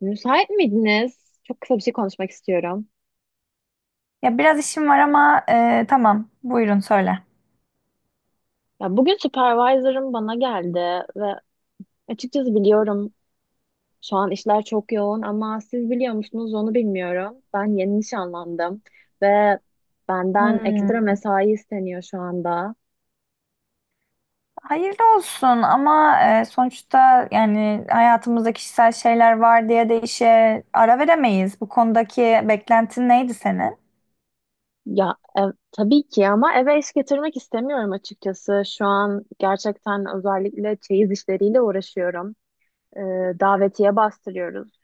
Müsait miydiniz? Çok kısa bir şey konuşmak istiyorum. Ya biraz işim var ama tamam. Buyurun söyle. Ya bugün supervisor'ım bana geldi ve açıkçası biliyorum şu an işler çok yoğun ama siz biliyor musunuz onu bilmiyorum. Ben yeni nişanlandım ve benden ekstra Hmm. mesai isteniyor şu anda. Hayırlı olsun ama sonuçta yani hayatımızda kişisel şeyler var diye de işe ara veremeyiz. Bu konudaki beklentin neydi senin? Ya tabii ki ama eve iş getirmek istemiyorum açıkçası. Şu an gerçekten özellikle çeyiz işleriyle uğraşıyorum. Ee, Davetiye bastırıyoruz.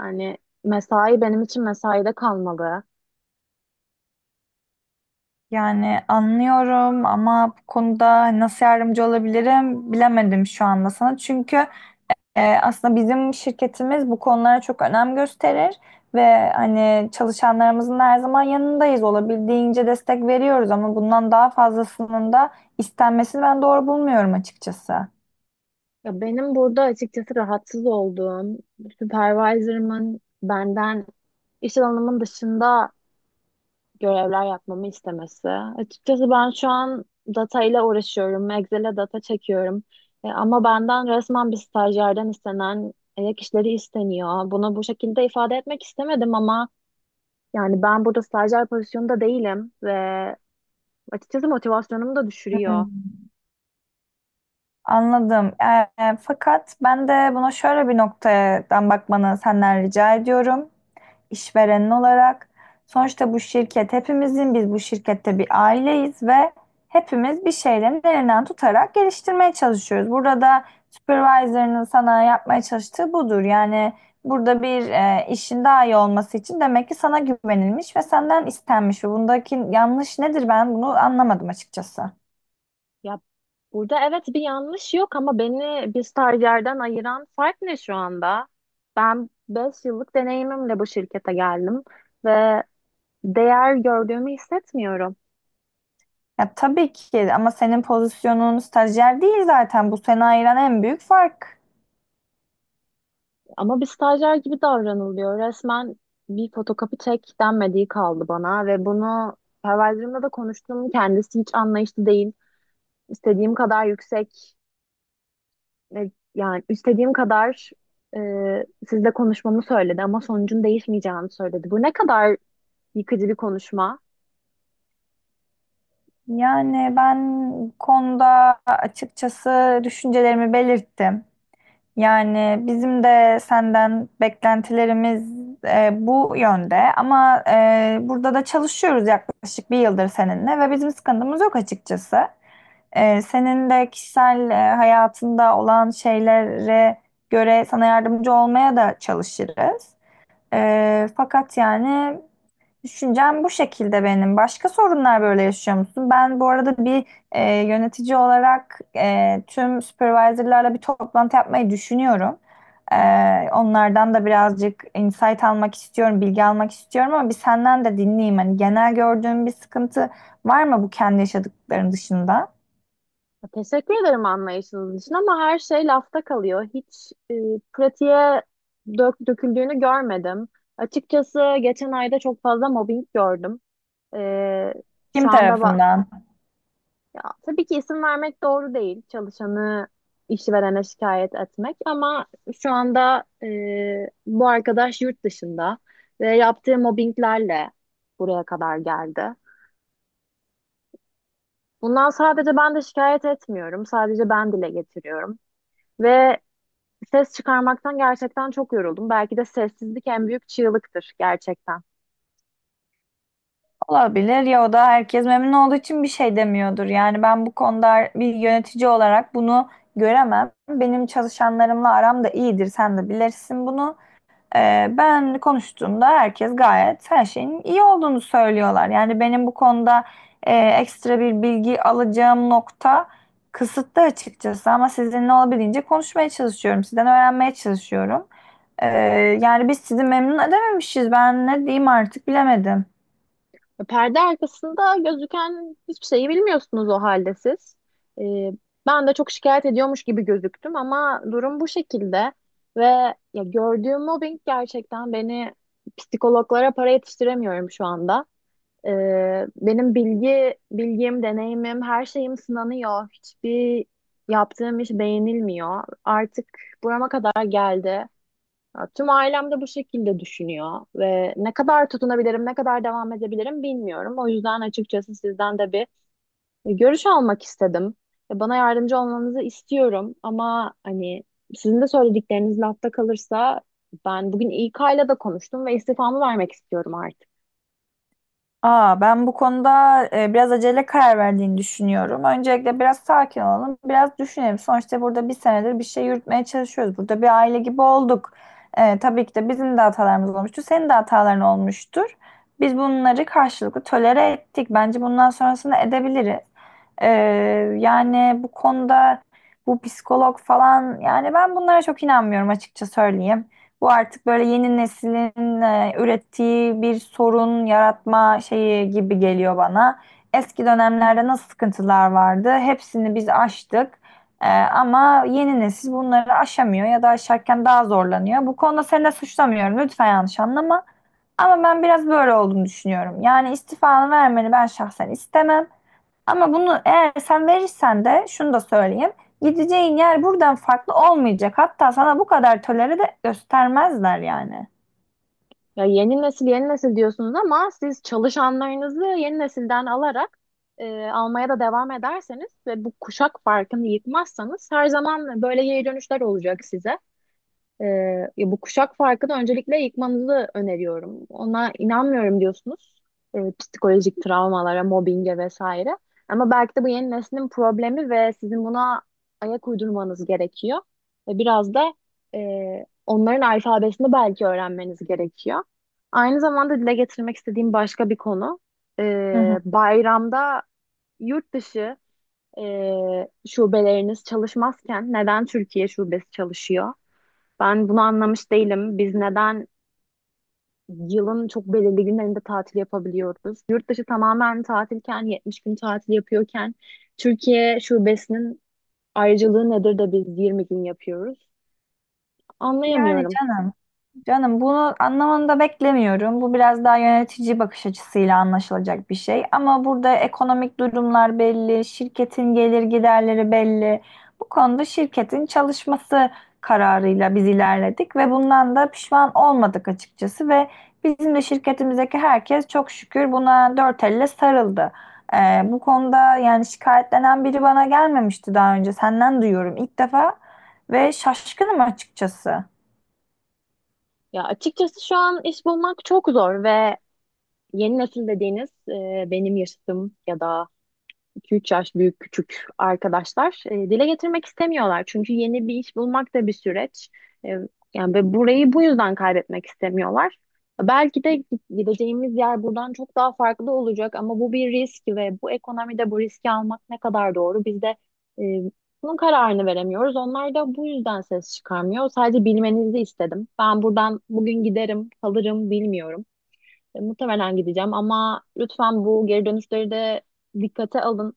Yani mesai benim için mesaide kalmalı. Yani anlıyorum ama bu konuda nasıl yardımcı olabilirim bilemedim şu anda sana. Çünkü aslında bizim şirketimiz bu konulara çok önem gösterir ve hani çalışanlarımızın da her zaman yanındayız. Olabildiğince destek veriyoruz ama bundan daha fazlasının da istenmesini ben doğru bulmuyorum açıkçası. Ya benim burada açıkçası rahatsız olduğum, supervisor'ımın benden iş alanımın dışında görevler yapmamı istemesi. Açıkçası ben şu an data ile uğraşıyorum, Excel'e data çekiyorum. Ama benden resmen bir stajyerden istenen ek işleri isteniyor. Bunu bu şekilde ifade etmek istemedim ama yani ben burada stajyer pozisyonunda değilim ve açıkçası motivasyonumu da düşürüyor. Hmm. Anladım. Fakat ben de buna şöyle bir noktadan bakmanı senden rica ediyorum. İşverenin olarak. Sonuçta bu şirket hepimizin, biz bu şirkette bir aileyiz ve hepimiz bir şeylerin elinden tutarak geliştirmeye çalışıyoruz. Burada da supervisor'ının sana yapmaya çalıştığı budur. Yani burada bir işin daha iyi olması için demek ki sana güvenilmiş ve senden istenmiş. Ve bundaki yanlış nedir, ben bunu anlamadım açıkçası. Ya burada evet bir yanlış yok ama beni bir stajyerden ayıran fark ne şu anda? Ben 5 yıllık deneyimimle bu şirkete geldim ve değer gördüğümü hissetmiyorum. Ya tabii ki ama senin pozisyonun stajyer değil zaten. Bu seni ayıran en büyük fark. Ama bir stajyer gibi davranılıyor. Resmen bir fotokopi çek denmediği kaldı bana ve bunu perverlerimle de konuştum. Kendisi hiç anlayışlı değil. İstediğim kadar yüksek ve yani istediğim kadar e, sizle konuşmamı söyledi ama sonucun değişmeyeceğini söyledi. Bu ne kadar yıkıcı bir konuşma. Yani ben bu konuda açıkçası düşüncelerimi belirttim. Yani bizim de senden beklentilerimiz bu yönde ama burada da çalışıyoruz yaklaşık bir yıldır seninle ve bizim sıkıntımız yok açıkçası. E, senin de kişisel hayatında olan şeylere göre sana yardımcı olmaya da çalışırız. Fakat yani düşüncem bu şekilde benim. Başka sorunlar böyle yaşıyor musun? Ben bu arada bir yönetici olarak tüm supervisorlarla bir toplantı yapmayı düşünüyorum. Onlardan da birazcık insight almak istiyorum, bilgi almak istiyorum ama bir senden de dinleyeyim. Hani genel gördüğün bir sıkıntı var mı bu kendi yaşadıkların dışında? Teşekkür ederim anlayışınız için ama her şey lafta kalıyor. Hiç pratiğe döküldüğünü görmedim. Açıkçası geçen ayda çok fazla mobbing gördüm. E, Kim şu anda ba- tarafından? Ya, tabii ki isim vermek doğru değil. Çalışanı işverene şikayet etmek ama şu anda bu arkadaş yurt dışında ve yaptığı mobbinglerle buraya kadar geldi. Bundan sadece ben de şikayet etmiyorum. Sadece ben dile getiriyorum. Ve ses çıkarmaktan gerçekten çok yoruldum. Belki de sessizlik en büyük çığlıktır gerçekten. Olabilir ya, o da herkes memnun olduğu için bir şey demiyordur. Yani ben bu konuda bir yönetici olarak bunu göremem. Benim çalışanlarımla aram da iyidir. Sen de bilirsin bunu. Ben konuştuğumda herkes gayet her şeyin iyi olduğunu söylüyorlar. Yani benim bu konuda ekstra bir bilgi alacağım nokta kısıtlı açıkçası. Ama sizinle olabildiğince konuşmaya çalışıyorum. Sizden öğrenmeye çalışıyorum. Ee, Yani biz sizi memnun edememişiz. Ben ne diyeyim artık bilemedim. Perde arkasında gözüken hiçbir şeyi bilmiyorsunuz o halde siz. Ee, Ben de çok şikayet ediyormuş gibi gözüktüm ama durum bu şekilde ve ya gördüğüm mobbing gerçekten beni psikologlara para yetiştiremiyorum şu anda. Benim bilgim, deneyimim, her şeyim sınanıyor. Hiçbir yaptığım iş beğenilmiyor. Artık burama kadar geldi. Ya, tüm ailem de bu şekilde düşünüyor ve ne kadar tutunabilirim, ne kadar devam edebilirim bilmiyorum. O yüzden açıkçası sizden de bir görüş almak istedim. Bana yardımcı olmanızı istiyorum ama hani sizin de söyledikleriniz lafta kalırsa ben bugün İK ile de konuştum ve istifamı vermek istiyorum artık. Aa, ben bu konuda biraz acele karar verdiğini düşünüyorum. Öncelikle biraz sakin olalım, biraz düşünelim. Sonuçta burada bir senedir bir şey yürütmeye çalışıyoruz. Burada bir aile gibi olduk. E, tabii ki de bizim de hatalarımız olmuştu, senin de hataların olmuştur. Biz bunları karşılıklı tolere ettik. Bence bundan sonrasını edebiliriz. E, Yani bu konuda bu psikolog falan, yani ben bunlara çok inanmıyorum, açıkça söyleyeyim. Bu artık böyle yeni neslin ürettiği bir sorun yaratma şeyi gibi geliyor bana. Eski dönemlerde nasıl sıkıntılar vardı? Hepsini biz aştık. E, ama yeni nesil bunları aşamıyor ya da aşarken daha zorlanıyor. Bu konuda seni de suçlamıyorum. Lütfen yanlış anlama. Ama ben biraz böyle olduğunu düşünüyorum. Yani istifanı vermeni ben şahsen istemem. Ama bunu eğer sen verirsen de şunu da söyleyeyim. Gideceğin yer buradan farklı olmayacak. Hatta sana bu kadar tolere de göstermezler yani. Ya yeni nesil yeni nesil diyorsunuz ama siz çalışanlarınızı yeni nesilden alarak almaya da devam ederseniz ve bu kuşak farkını yıkmazsanız her zaman böyle geri dönüşler olacak size. Ee, Ya bu kuşak farkını öncelikle yıkmanızı öneriyorum. Ona inanmıyorum diyorsunuz. Psikolojik travmalara, mobbinge vesaire. Ama belki de bu yeni neslin problemi ve sizin buna ayak uydurmanız gerekiyor. Ve biraz da onların alfabesini belki öğrenmeniz gerekiyor. Aynı zamanda dile getirmek istediğim başka bir konu. Hı hı. Bayramda yurt dışı e, şubeleriniz çalışmazken neden Türkiye şubesi çalışıyor? Ben bunu anlamış değilim. Biz neden yılın çok belirli günlerinde tatil yapabiliyoruz? Yurt dışı tamamen tatilken, 70 gün tatil yapıyorken Türkiye şubesinin ayrıcalığı nedir de biz 20 gün yapıyoruz? Yani Anlayamıyorum. canım. Canım, bunu anlamanı da beklemiyorum. Bu biraz daha yönetici bakış açısıyla anlaşılacak bir şey. Ama burada ekonomik durumlar belli, şirketin gelir giderleri belli. Bu konuda şirketin çalışması kararıyla biz ilerledik ve bundan da pişman olmadık açıkçası ve bizim de şirketimizdeki herkes çok şükür buna dört elle sarıldı. Bu konuda yani şikayetlenen biri bana gelmemişti daha önce. Senden duyuyorum ilk defa ve şaşkınım açıkçası. Ya açıkçası şu an iş bulmak çok zor ve yeni nesil dediğiniz benim yaşadığım ya da 2-3 yaş büyük küçük arkadaşlar dile getirmek istemiyorlar. Çünkü yeni bir iş bulmak da bir süreç. E, Yani ve burayı bu yüzden kaybetmek istemiyorlar. Belki de gideceğimiz yer buradan çok daha farklı olacak ama bu bir risk ve bu ekonomide bu riski almak ne kadar doğru? Biz de e, bunun kararını veremiyoruz. Onlar da bu yüzden ses çıkarmıyor. Sadece bilmenizi istedim. Ben buradan bugün giderim, kalırım bilmiyorum. Muhtemelen gideceğim ama lütfen bu geri dönüşleri de dikkate alın.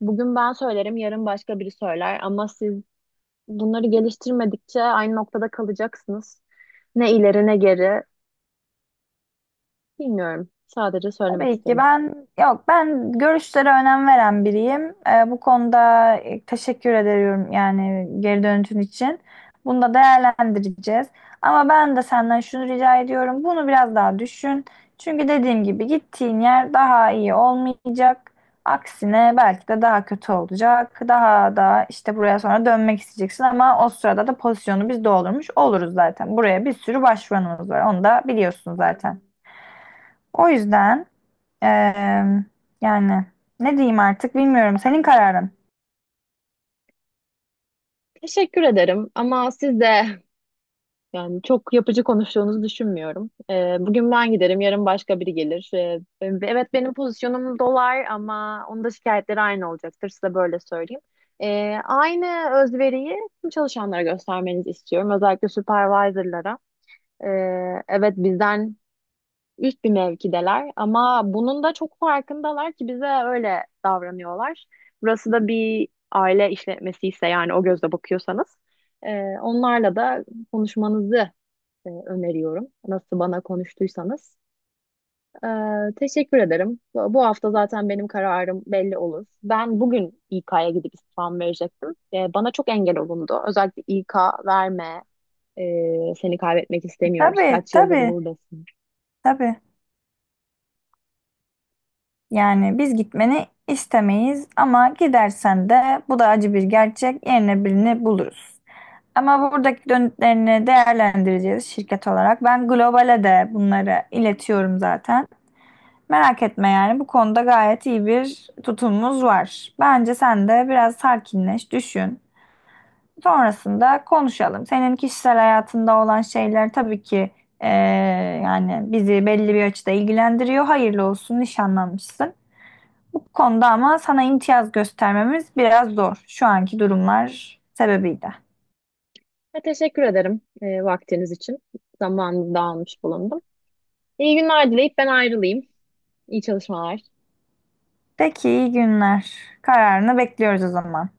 Bugün ben söylerim, yarın başka biri söyler ama siz bunları geliştirmedikçe aynı noktada kalacaksınız. Ne ileri ne geri bilmiyorum. Sadece söylemek Tabii ki istedim. ben yok, ben görüşlere önem veren biriyim. Bu konuda teşekkür ediyorum, yani geri dönütün için. Bunu da değerlendireceğiz. Ama ben de senden şunu rica ediyorum. Bunu biraz daha düşün. Çünkü dediğim gibi gittiğin yer daha iyi olmayacak. Aksine belki de daha kötü olacak. Daha da işte buraya sonra dönmek isteyeceksin ama o sırada da pozisyonu biz doldurmuş oluruz zaten. Buraya bir sürü başvuranımız var. Onu da biliyorsun zaten. O yüzden Eee, yani ne diyeyim artık bilmiyorum. Senin kararın. Teşekkür ederim ama siz de yani çok yapıcı konuştuğunuzu düşünmüyorum. Bugün ben giderim, yarın başka biri gelir. Evet benim pozisyonum dolar ama onun da şikayetleri aynı olacaktır. Size böyle söyleyeyim. Aynı özveriyi tüm çalışanlara göstermenizi istiyorum. Özellikle supervisor'lara. Ee, evet bizden üst bir mevkideler ama bunun da çok farkındalar ki bize öyle davranıyorlar. Burası da bir aile işletmesi ise yani o gözle bakıyorsanız. Onlarla da konuşmanızı öneriyorum. Nasıl bana konuştuysanız. E, Teşekkür ederim. Bu hafta zaten benim kararım belli olur. Ben bugün İK'ya gidip istifamı verecektim. Bana çok engel olundu. Özellikle İK verme, seni kaybetmek istemiyoruz. Tabii, Kaç yıldır tabii, buradasın. tabii. Yani biz gitmeni istemeyiz ama gidersen de bu da acı bir gerçek. Yerine birini buluruz. Ama buradaki dönütlerini değerlendireceğiz şirket olarak. Ben globale de bunları iletiyorum zaten. Merak etme, yani bu konuda gayet iyi bir tutumumuz var. Bence sen de biraz sakinleş, düşün. Sonrasında konuşalım. Senin kişisel hayatında olan şeyler tabii ki eee, yani bizi belli bir açıda ilgilendiriyor. Hayırlı olsun, nişanlanmışsın. Bu konuda ama sana imtiyaz göstermemiz biraz zor. Şu anki durumlar sebebiyle. Ve teşekkür ederim vaktiniz için. Zamanınızı da almış bulundum. İyi günler dileyip ben ayrılayım. İyi çalışmalar. Peki, iyi günler. Kararını bekliyoruz o zaman.